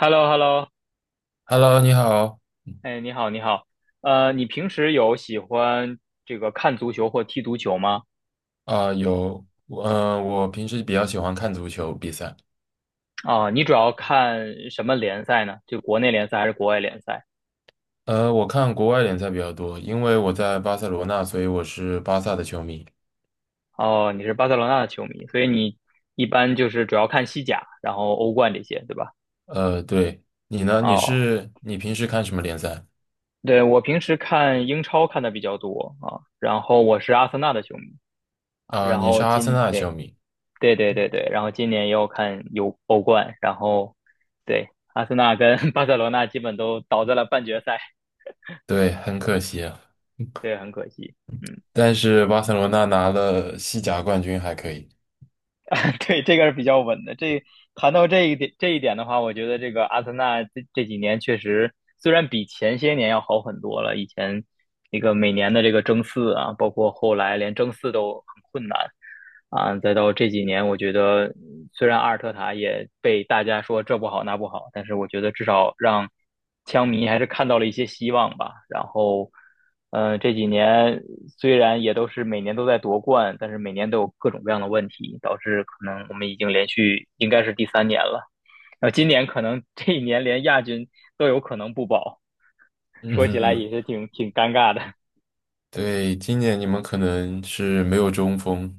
h e l l o h e l l o Hello，你好。哎，你好，你好，你平时有喜欢这个看足球或踢足球吗？啊、有，我平时比较喜欢看足球比赛。啊、你主要看什么联赛呢？就国内联赛还是国外联赛？我看国外联赛比较多，因为我在巴塞罗那，所以我是巴萨的球迷。哦，你是巴塞罗那的球迷，所以你一般就是主要看西甲，然后欧冠这些，对吧？对。你呢？你哦，是你平时看什么联赛？对，我平时看英超看的比较多啊，然后我是阿森纳的球迷啊，啊、然你是后阿森纳的球对，迷。对对对对，然后今年也有看有欧冠，然后对阿森纳跟 巴塞罗那基本都倒在了半决赛，对，很可惜啊。对，很可惜。嗯，但是巴塞罗那拿了西甲冠军，还可以。对，这个是比较稳的。谈到这一点的话，我觉得这个阿森纳这几年确实虽然比前些年要好很多了，以前那个每年的这个争四啊，包括后来连争四都困难啊。再到这几年，我觉得虽然阿尔特塔也被大家说这不好那不好，但是我觉得至少让枪迷还是看到了一些希望吧。然后，这几年虽然也都是每年都在夺冠，但是每年都有各种各样的问题，导致可能我们已经连续应该是第三年了。然后今年可能这一年连亚军都有可能不保，嗯说起来哼。也是挺尴尬的。对，今年你们可能是没有中锋，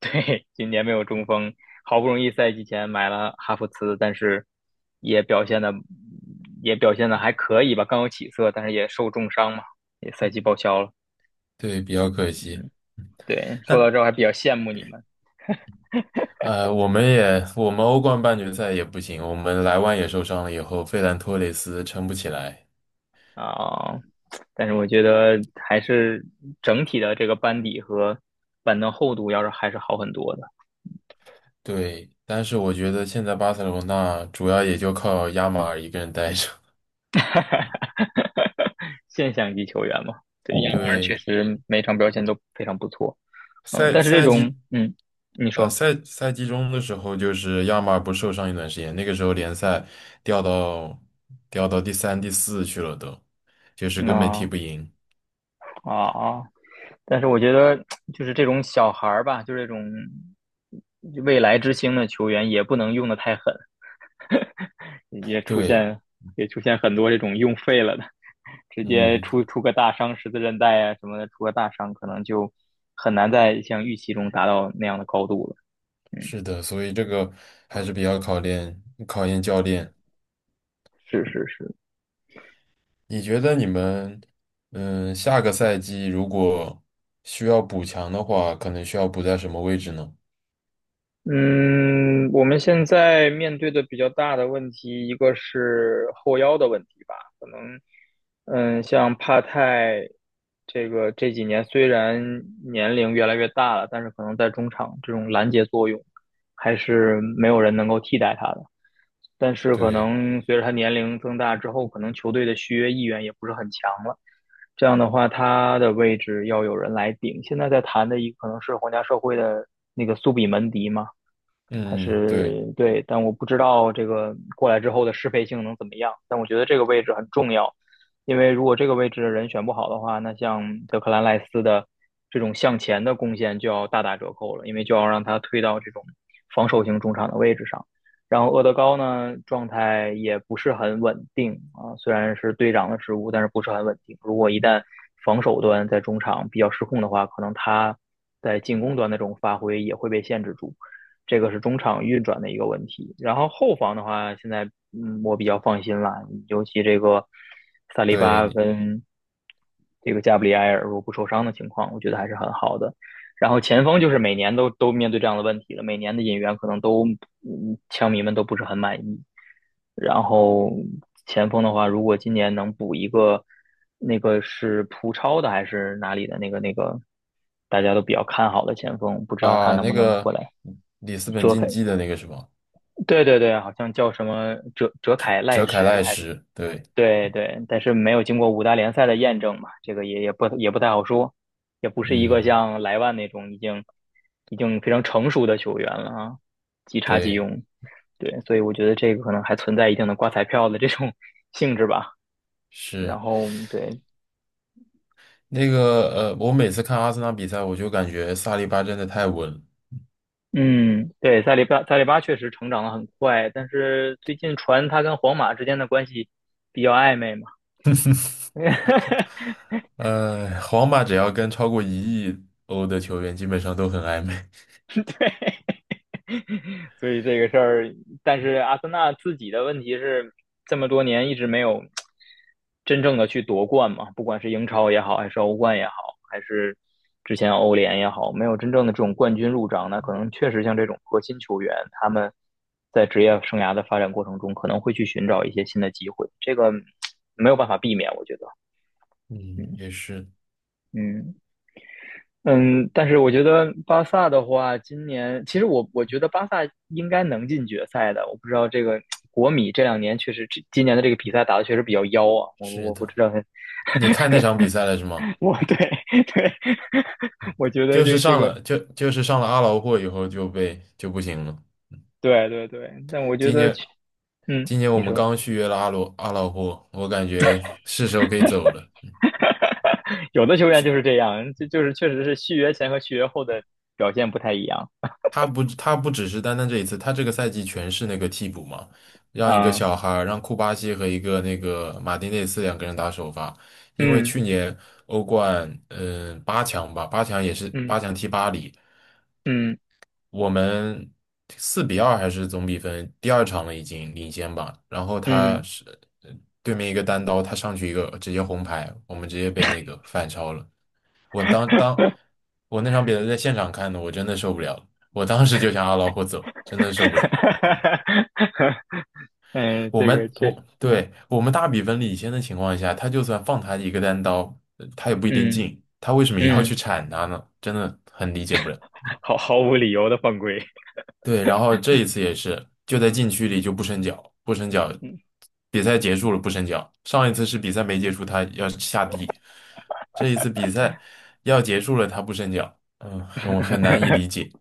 对，今年没有中锋，好不容易赛季前买了哈弗茨，但是也表现的也表现的还可以吧，刚有起色，但是也受重伤嘛，也赛季报销了。对，比较可惜。对，说到这儿还比较羡慕你们我们欧冠半决赛也不行，我们莱万也受伤了以后，费兰托雷斯撑不起来。啊，但是我觉得还是整体的这个班底和板凳厚度要是还是好很多的，对，但是我觉得现在巴塞罗那主要也就靠亚马尔一个人带着。现象级球员嘛。对，亚马确对。实每场表现都非常不错，嗯，赛但是这赛种季，你说赛季中的时候，就是亚马尔不是受伤一段时间，那个时候联赛掉到掉到第三、第四去了都，就是根本踢那不赢。啊啊。但是我觉得就是这种小孩儿吧，就是这种未来之星的球员，也不能用的太狠，也出对。现也出现很多这种用废了的，直接嗯。出个大伤，十字韧带啊什么的，出个大伤，可能就很难在像预期中达到那样的高度了。嗯，是的，所以这个还是比较考验教练。是是是。你觉得你们，下个赛季如果需要补强的话，可能需要补在什么位置呢？嗯，我们现在面对的比较大的问题，一个是后腰的问题吧，可能，嗯，像帕泰这个这几年虽然年龄越来越大了，但是可能在中场这种拦截作用还是没有人能够替代他的。但是可对。能随着他年龄增大之后，可能球队的续约意愿也不是很强了。这样的话，他的位置要有人来顶。现在在谈的一个可能是皇家社会的那个苏比门迪嘛。还嗯。对。是对，但我不知道这个过来之后的适配性能怎么样。但我觉得这个位置很重要，因为如果这个位置的人选不好的话，那像德克兰赖斯的这种向前的贡献就要大打折扣了，因为就要让他推到这种防守型中场的位置上。然后厄德高呢，状态也不是很稳定啊，虽然是队长的职务，但是不是很稳定。如果一旦防守端在中场比较失控的话，可能他在进攻端的这种发挥也会被限制住。这个是中场运转的一个问题。然后后防的话，现在我比较放心了，尤其这个萨利对。巴你跟这个加布里埃尔如果不受伤的情况，我觉得还是很好的。然后前锋就是每年都面对这样的问题了，每年的引援可能都枪迷们都不是很满意。然后前锋的话，如果今年能补一个，那个是葡超的还是哪里的那个，大家都比较看好的前锋，不知道他啊，能不那能过个来里斯本遮竞配。技的那个什么，对对对，好像叫什么哲凯赖哲凯什赖还什。对。对对，但是没有经过五大联赛的验证嘛，这个也不太好说，也不是一个嗯。像莱万那种已经非常成熟的球员了啊，即插即对，用。对，所以我觉得这个可能还存在一定的刮彩票的这种 性质吧。是然后对，那个我每次看阿森纳比赛，我就感觉萨利巴真的太稳了。嗯，对，塞利巴确实成长的很快，但是最近传他跟皇马之间的关系比较暧昧嘛。皇 皇马只要跟超过1亿欧的球员，基本上都很暧昧。所以这个事儿，但是阿森纳自己的问题是这么多年一直没有真正的去夺冠嘛，不管是英超也好，还是欧冠也好，还是之前欧联也好，没有真正的这种冠军入账。那可能确实像这种核心球员，他们在职业生涯的发展过程中，可能会去寻找一些新的机会，这个没有办法避免，我觉得。嗯，嗯也是。嗯，嗯，但是我觉得巴萨的话，今年其实我觉得巴萨应该能进决赛的。我不知道这个国米这两年确实，这今年的这个比赛打的确实比较妖啊。我是我不的。知道，你 看那场比赛了是吗？我对 对，我觉得就是这这上个了就就是上了阿劳霍以后就不行了。对对对，但我觉今得年去今年我你们说刚续约了阿劳霍，我感觉是时候可以走了。有的球员就是这样，就是确实是续约前和续约后的表现不太一样他不只是单单这一次。他这个赛季全是那个替补嘛，让一个啊。小孩儿让库巴西和一个那个马丁内斯两个人打首发。因为嗯去年欧冠八强吧，八强也是八强嗯踢巴黎，嗯我们4-2还是总比分，第二场了已经领先吧。然后嗯，他嗯 是呃对面一个单刀，他上去一个直接红牌，我们直接被那个反超了。我当当我那场比赛在现场看的，我真的受不了了。我当时就想阿劳霍走，真的受不了。嗯，我这个们确实，我嗯对我们大比分领先的情况下，他就算放他一个单刀，他也不一定嗯进。他为什么要嗯，去铲他呢？真的很理解不了。毫无理由的犯规，对，然后这一次也是，就在禁区里就不伸脚，不伸脚，嗯，比赛结束了不伸脚。上一次是比赛没结束，他要下地，这一次比赛要结束了，他不伸脚。嗯，很难以理解。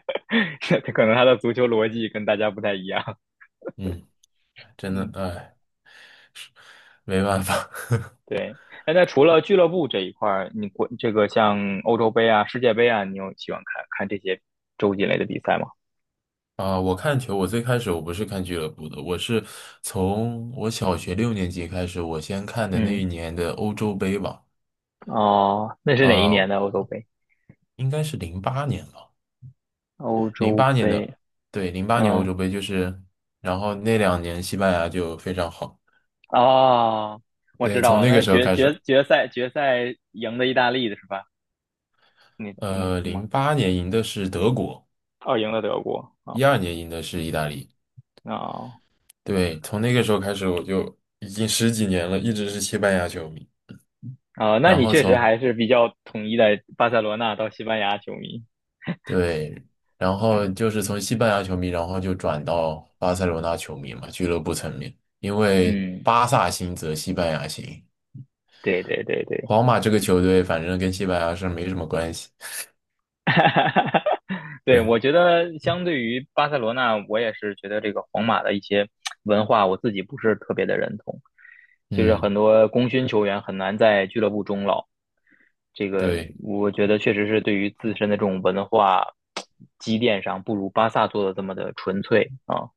可能他的足球逻辑跟大家不太一样，嗯，真的，嗯，哎，没办法。对。哎，那除了俱乐部这一块儿，这个像欧洲杯啊、世界杯啊，你有喜欢看看这些洲际类的比赛吗？啊，我看球，我最开始我不是看俱乐部的，我是从我小学六年级开始，我先看的那一嗯，年的欧洲杯吧。哦，那是哪一年呃，的欧洲杯？应该是零八年吧。欧零洲八年的，杯，对，零八年欧嗯，洲杯就是。然后那两年西班牙就非常好，哦，我知对，道从了，那个那时候决开决始。决赛决赛赢的意大利的是吧？你是零吗？八年赢的是德国，哦，赢了德国啊，12年赢的是意大利。哦对，从那个时候开始我就已经十几年了，一直是西班牙球迷。啊，那然你后确实从，还是比较统一的巴塞罗那到西班牙球迷。对，然后嗯就是从西班牙球迷，然后就转到巴塞罗那球迷嘛，俱乐部层面。因为嗯，巴萨兴则西班牙兴，对对对对。皇马这个球队反正跟西班牙是没什么关系，哈哈哈！对，对。我觉得相对于巴塞罗那，我也是觉得这个皇马的一些文化，我自己不是特别的认同，就是很嗯。多功勋球员很难在俱乐部终老。这个对，我觉得确实是对于自身的这种文化积淀上，不如巴萨做的这么的纯粹啊。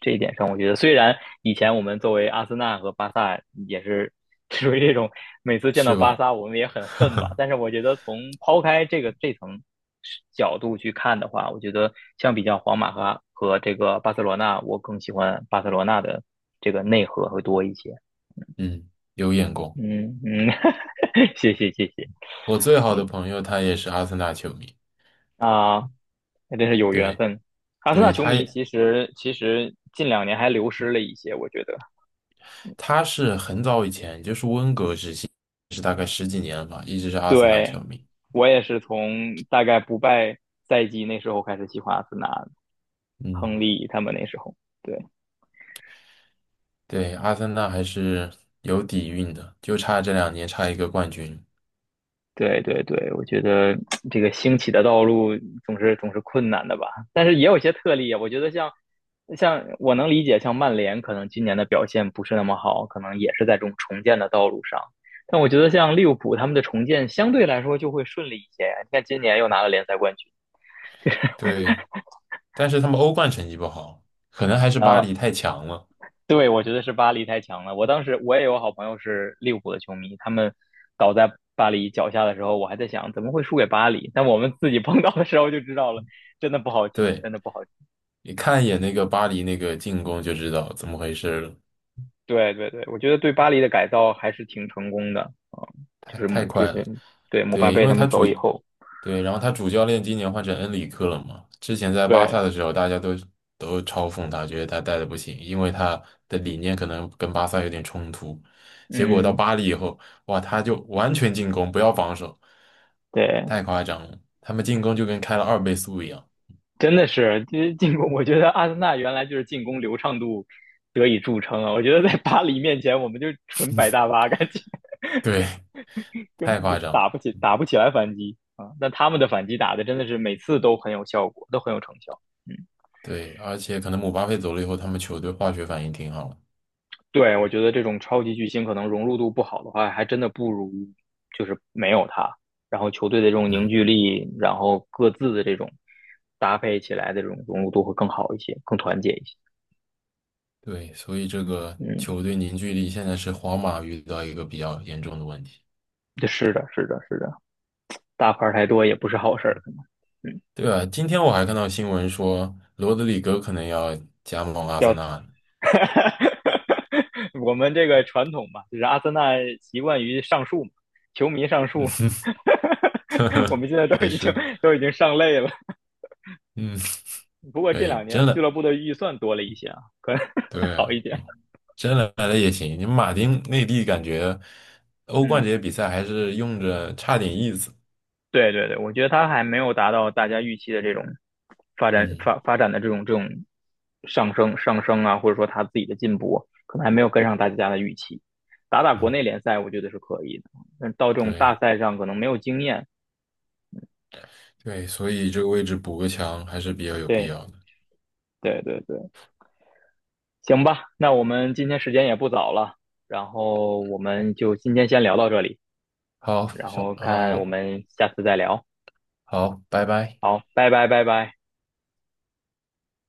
这一点上，我觉得虽然以前我们作为阿森纳和巴萨也是 属于这种每次见到是巴吧？萨我们也很恨吧，但是我觉得从抛开这层角度去看的话，我觉得相比较皇马和这个巴塞罗那，我更喜欢巴塞罗那的这个内核会多一些。嗯，有眼光。嗯嗯，谢谢谢谢我最好的朋友他也是阿森纳球迷。啊，那真是有缘对。分。阿森纳对。球迷其实近两年还流失了一些，我觉得。他是很早以前，就是温格时期，是大概十几年了吧，一直是阿森纳球对，迷。我也是从大概不败赛季那时候开始喜欢阿森纳亨嗯。利他们那时候。对。对，阿森纳还是有底蕴的，就差这两年差一个冠军。对对对，我觉得这个兴起的道路总是困难的吧，但是也有一些特例啊。我觉得像我能理解，像曼联可能今年的表现不是那么好，可能也是在这种重建的道路上。但我觉得像利物浦他们的重建相对来说就会顺利一些。你看今年又拿了联赛冠军，对对，但是他们欧冠成绩不好，可能还是巴呃 黎太强了。对，我觉得是巴黎太强了。我当时我也有好朋友是利物浦的球迷，他们倒在巴黎脚下的时候，我还在想怎么会输给巴黎。但我们自己碰到的时候就知道了，真的不好踢，对，真的不好踢你看一眼那个巴黎那个进攻就知道怎么回事了。对对对，我觉得对巴黎的改造还是挺成功的啊，就太是太就快了。是对姆巴对，因佩为他们他主，走以后，对，然后他主教练今年换成恩里克了嘛。之前在巴对，萨的时候，大家都嘲讽他，觉得他带的不行，因为他的理念可能跟巴萨有点冲突。结果到嗯，巴黎以后，哇，他就完全进攻，不要防守，对。太夸张了。他们进攻就跟开了2倍速一样，真的是，其实进攻，我觉得阿森纳原来就是进攻流畅度得以著称啊。我觉得在巴黎面前，我们就纯摆大巴，感觉 对，根太本就夸张。打不起，打不起来反击啊。但他们的反击打的真的是每次都很有效果，都很有成效。嗯，对，而且可能姆巴佩走了以后，他们球队化学反应挺好的。对，我觉得这种超级巨星可能融入度不好的话，还真的不如就是没有他。然后球队的这种凝聚嗯。力，然后各自的这种搭配起来的这种融入度会更好一些，更团结一些。对，所以这个嗯。球队凝聚力现在是皇马遇到一个比较严重的问题。对是的，是的，是的，大牌儿太多也不是好事儿，可能，嗯，对啊，今天我还看到新闻说罗德里戈可能要加盟阿森要，纳。我们这个传统嘛，就是阿森纳习惯于上树嘛，球迷上树，我 们现在都也已经是，都已经上累了。嗯，不过可这以，两真年俱的，乐部的预算多了一些啊，可能 对好啊，一点，真的来了也行。你马丁内地感觉欧冠嗯。这些比赛还是用着差点意思。对对对，我觉得他还没有达到大家预期的这种发展嗯发发展的这种上升啊，或者说他自己的进步，可能还没有跟上大家的预期。打国嗯，内联赛，我觉得是可以的，但到这种大对赛上可能没有经验。对，所以这个位置补个强还是比较有必对要的。对对对，行吧，那我们今天时间也不早了，然后我们就今天先聊到这里，好，然后看我好，们下次再聊。好，拜拜。好，拜拜拜拜。